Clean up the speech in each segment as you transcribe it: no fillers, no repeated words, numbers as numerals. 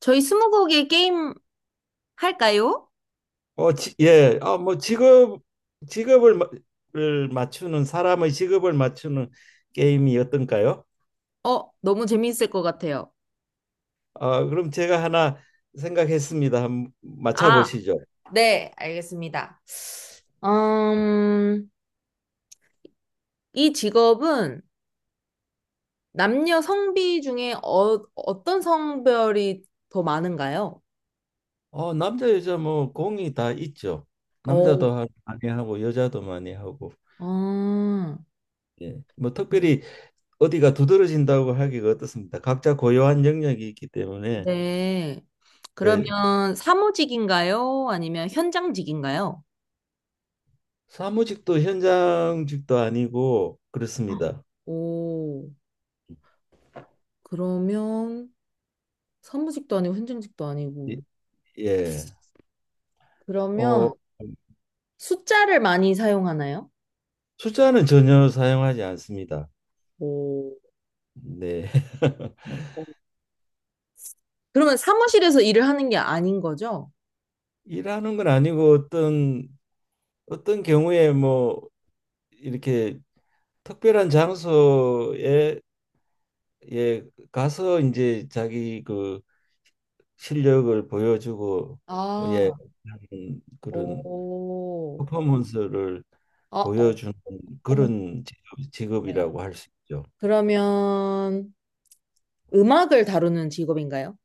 저희 스무고개 게임 할까요? 어, 지, 예. 아, 뭐 직업을 마- 을 맞추는 사람의 직업을 맞추는 게임이 어떤가요? 너무 재밌을 것 같아요. 아, 그럼 제가 하나 생각했습니다. 한번 맞춰 아, 보시죠. 네, 알겠습니다. 음, 이 직업은 남녀 성비 중에 어떤 성별이 더 많은가요? 어, 남자 여자 뭐 공이 다 있죠. 어, 남자도 하- 많이 하고 여자도 많이 하고. 아, 예. 뭐 특별히 어디가 두드러진다고 하기가 어떻습니다. 각자 고유한 영역이 있기 때문에. 네. 예. 그러면 사무직인가요? 아니면 현장직인가요? 사무직도 현장직도 아니고 그렇습니다. 오, 그러면 사무직도 아니고 현장직도 예. 아니고. 예. 어 그러면 숫자를 많이 사용하나요? 숫자는 전혀 사용하지 않습니다. 오. 네. 오. 그러면 사무실에서 일을 하는 게 아닌 거죠? 일하는 건 아니고 어떤 어떤 경우에 뭐 이렇게 특별한 장소에 예 가서 이제 자기 그 실력을 보여주고, 예, 아, 하는 그런 오. 퍼포먼스를 아, 어, 보여주는 어머, 그런 네. 직업이라고 할 수 있죠. 그러면 음악을 다루는 직업인가요?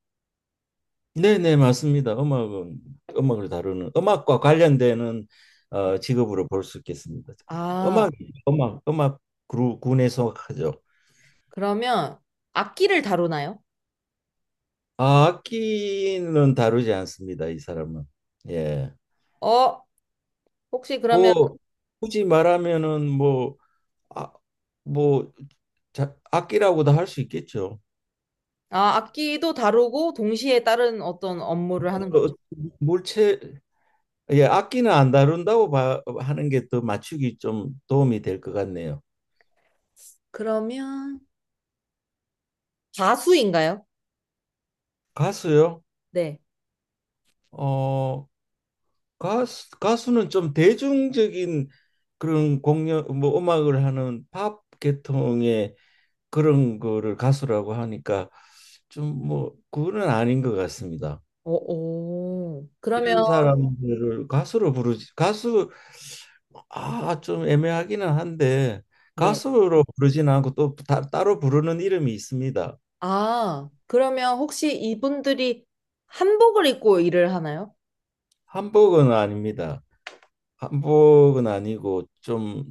네네, 맞습니다. 음악은 음악을 다루는, 음악과 관련되는 네. 직업으로 볼 수 있겠습니다. 아, 음악, 음악, 그루, 군에 속하죠. 그러면 악기를 다루나요? 아, 악기는 다루지 않습니다, 이 사람은. 예. 어, 혹시 그러면, 뭐 굳이 말하면은 뭐, 아, 뭐 자, 악기라고도 할 수 있겠죠. 아, 악기도 다루고 동시에 다른 어떤 업무를 하는 어, 거죠? 물체, 예, 악기는 안 다룬다고 봐, 하는 게 더 맞추기 좀 도움이 될 것 같네요. 그러면 가수인가요? 가수요? 네. 어 가수, 가수는 좀 대중적인 그런 공연, 뭐 음악을 하는 팝 계통의 그런 거를 가수라고 하니까 좀 뭐 그거는 아닌 것 같습니다. 오, 오. 그러면, 이런 그, 사람들을 가수로 부르지, 가수, 아, 좀 애매하기는 한데 가수로 부르진 않고 또 다, 따로 부르는 이름이 있습니다. 아, 그러면 혹시 이분들이 한복을 입고 일을 하나요? 한복은 아닙니다. 한복은 아니고 좀,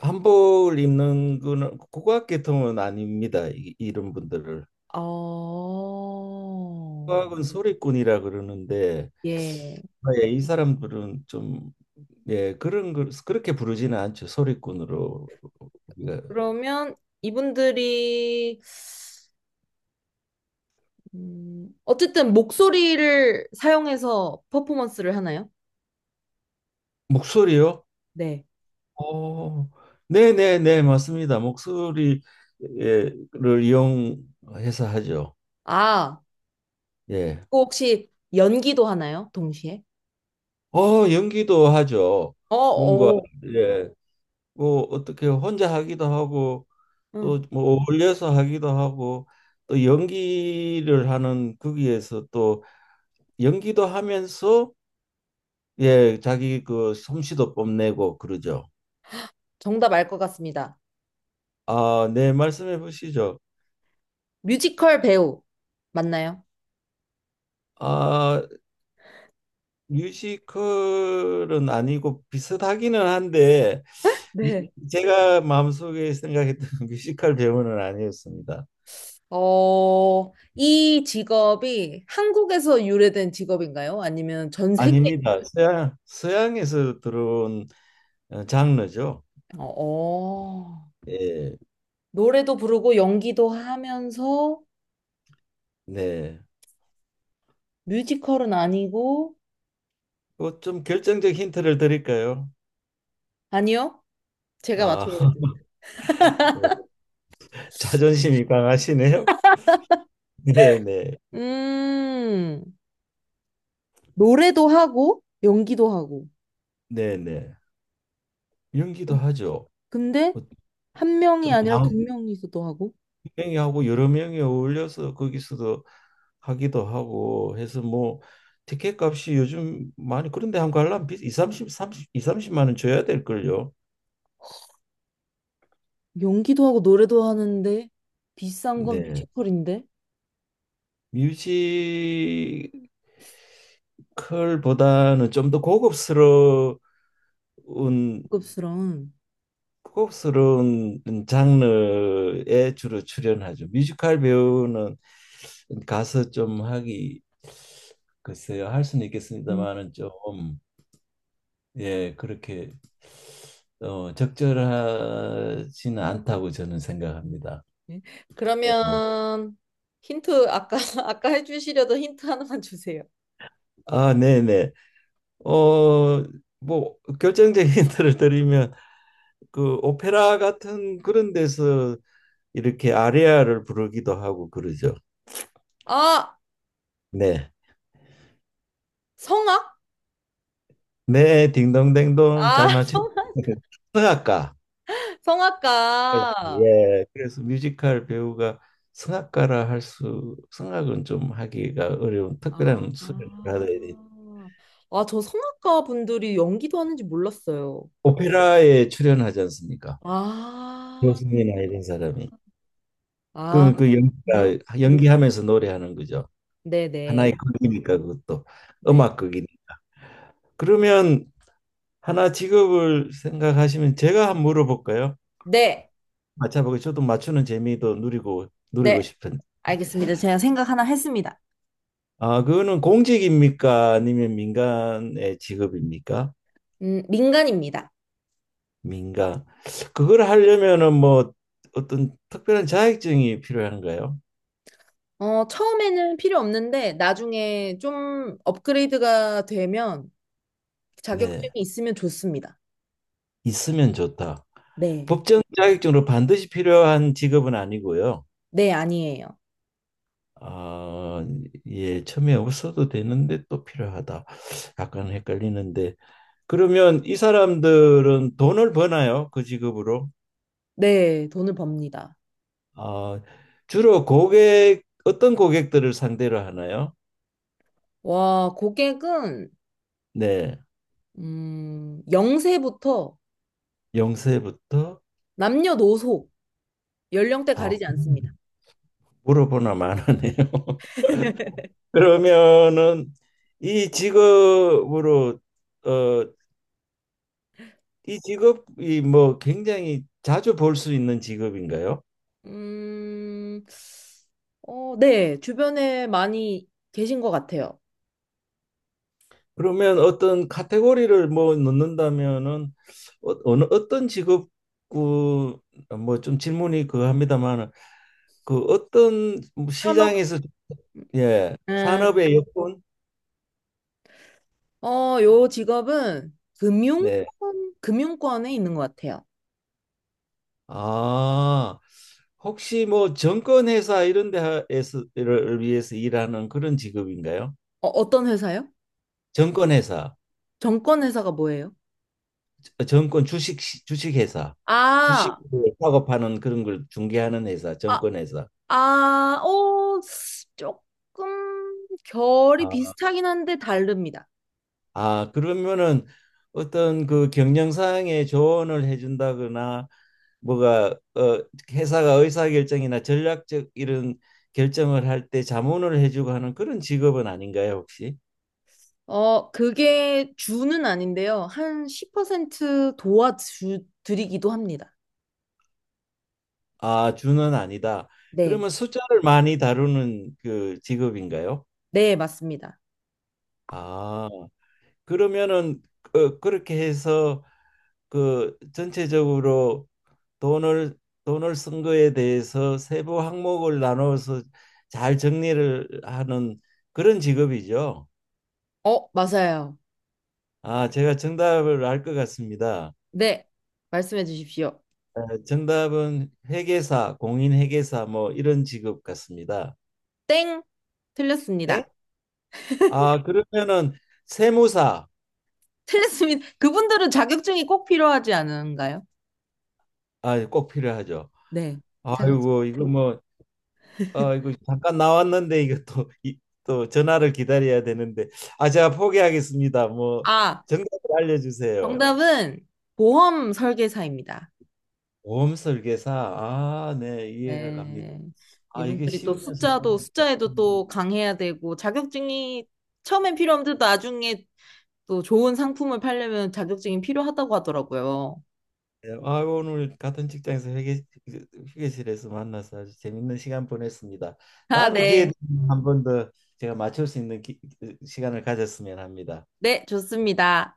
한복을 입는 거는, 국악 계통은 아닙니다. 이, 이런 분들을, 어, 국악은 소리꾼이라 그러는데, 예. 아, 예, 이 사람들은 좀, 예, 그런 걸 그렇게 부르지는 않죠, 소리꾼으로 우리가. 그러면 이분들이, 어쨌든 목소리를 사용해서 퍼포먼스를 하나요? 목소리요? 네. 어, 네, 네, 네, 맞습니다. 목소리를 이용해서 하죠. 아, 예. 또 혹시 연기도 하나요? 동시에? 어, 연기도 하죠. 어, 뭔가, 어, 예, 뭐 어떻게 혼자 하기도 하고 응. 또 뭐 어울려서 하기도 하고, 또 연기를 하는 거기에서 또 연기도 하면서, 예 자기 그 솜씨도 뽐내고 그러죠. 정답 알 것 같습니다. 아, 네, 말씀해 보시죠. 뮤지컬 배우 맞나요? 아, 뮤지컬은 아니고 비슷하기는 한데, 미, 네. 제가 마음속에 생각했던 뮤지컬 배우는 아니었습니다. 어, 이 직업이 한국에서 유래된 직업인가요? 아니면 전 세계? 아닙니다. 서양에서 들어온 장르죠. 어, 어. 예, 노래도 부르고 연기도 하면서 네. 뮤지컬은 아니고, 뭐좀 결정적 힌트를 드릴까요? 아니요? 제가 아, 맞춰보겠습니다. 자존심이 강하시네요. 네네. 음, 노래도 하고, 연기도 하고. 네네. 연기도 하죠. 근데 뭐좀 한 명이 아니라 양, 두 명이서도 하고, 명이 하고 여러 명이 어울려서 거기서도 하기도 하고 해서 뭐, 티켓 값이 요즘 많이 그런데 한 관람 비 이 삼십 삼십 2, 30만 원 줘야 될걸요. 연기도 하고, 노래도 하는데, 비싼 건 네. 뮤지컬인데? 뮤지컬보다는 좀 더 고급스러운, 고급스러운. 고급스러운 장르에 주로 출연하죠. 뮤지컬 배우는 가서 좀 하기 글쎄요 할 수는 음, 있겠습니다만은 좀, 예 그렇게 적절하지는 않다고 저는 생각합니다. 네. 네. 네. 그러면 힌트 아까 아까 해주시려던 힌트 하나만 주세요. 아 네네, 어뭐 결정적인 힌트를 드리면 그 오페라 같은 그런 데서 이렇게 아리아를 부르기도 하고 그러죠. 아 네. 성악? 네, 딩동댕동 아 잘 맞춰. 성, 성악가. 예, 성악가. 예. 그래서 뮤지컬 배우가 성악가라 할 수, 성악은 좀 하기가 어려운 아, 특별한 수련을 아, 받아야 돼. 아, 저 성악가 분들이 연기도 하는지 몰랐어요. 오페라에 출연하지 않습니까? 아, 교수님이나 이런 사람이. 아, 그럼 그 그요? 연기가, 연기하면서 노래하는 거죠. 네네, 하나의 극이니까 그것도 네, 음악극이니. 그러면 하나 직업을 생각하시면 제가 한번 물어볼까요? 네, 맞춰보고 저도 맞추는 재미도 누리고 네, 싶은데. 알겠습니다. 제가 생각 하나 했습니다. 아, 그거는 공직입니까? 아니면 민간의 직업입니까? 민간입니다. 민간. 그걸 하려면은 뭐, 어떤 특별한 자격증이 필요한가요? 어, 처음에는 필요 없는데, 나중에 좀 업그레이드가 되면 자격증이 네. 있으면 좋습니다. 있으면 좋다. 네. 법정 자격증으로 반드시 필요한 직업은 아니고요. 네, 아니에요. 아, 예, 처음에 없어도 되는데 또 필요하다. 약간 헷갈리는데. 그러면 이 사람들은 돈을 버나요? 그 직업으로? 네, 돈을 법니다. 아, 주로 고객, 어떤 고객들을 상대로 하나요? 와, 고객은, 네, 음, 세부터 영세부터. 남녀노소, 연령대 어, 가리지 않습니다. 물어보나 마나네요. 그러면은 이 직업으로 어, 이 직업이 뭐 굉장히 자주 볼 수 있는 직업인가요? 음, 어, 네, 주변에 많이 계신 것 같아요. 그러면 어떤 카테고리를 뭐 넣는다면은, 어, 어느 어떤 직업 그뭐좀 질문이 그합니다마는그 어떤 산업, 시장에서, 예 음, 산업의 여건. 어, 요 직업은 금융권, 금융권에 있는 것 같아요. 아, 혹시 뭐 정권회사 이런 데를 위해서 일하는 그런 직업인가요? 어, 어떤 회사요? 정권회사, 정권 회사가 뭐예요? 정권 주식 주식회사, 주식 아, 작업하는 그런 걸 중개하는 회사, 아, 정권회사. 아, 어, 조금 결이 아, 비슷하긴 한데 다릅니다. 아, 그러면은 어떤 그 경영상에 조언을 해준다거나 뭐가, 어, 회사가 의사결정이나 전략적 이런 결정을 할 때 자문을 해주고 하는 그런 직업은 아닌가요, 혹시? 어, 그게 주는 아닌데요. 한 10% 도와주 드리기도 합니다. 아, 주는 아니다. 네. 그러면 숫자를 많이 다루는 그 직업인가요? 네, 맞습니다. 아, 그러면은 그, 그렇게 해서 그 전체적으로 돈을 돈을 쓴 거에 대해서 세부 항목을 나눠서 잘 정리를 하는 그런 직업이죠. 어, 맞아요. 아, 제가 정답을 알 것 같습니다. 네. 말씀해 주십시오. 어, 정답은 회계사, 공인 회계사 뭐 이런 직업 같습니다. 땡. 네? 틀렸습니다. 아, 그러면은 세무사. 틀렸습니다. 그분들은 자격증이 꼭 필요하지 않은가요? 아, 꼭 필요하죠. 네. 자격증. 아이고, 이거 뭐, 아, 이거 잠깐 나왔는데 이거 또, 이, 또 전화를 기다려야 되는데, 아, 제가 포기하겠습니다. 뭐 아, 정답을 알려주세요. 정답은 보험 설계사입니다. 보험 설계사, 아, 네, 이해가 갑니다. 네. 아, 이게 이분들이 또 쉬우면서 숫자도, 어렵네. 숫자에도 음. 또 강해야 되고, 자격증이 처음엔 필요 없는데 나중에 또 좋은 상품을 팔려면 자격증이 필요하다고 하더라고요. 네, 아, 오늘 같은 직장에서 회계, 회계실에서 만나서 아주 재밌는 시간 보냈습니다. 아, 다음에 기회 네. 되면 한 번 더 제가 맞출 수 있는 기- 시간을 가졌으면 합니다. 네, 좋습니다.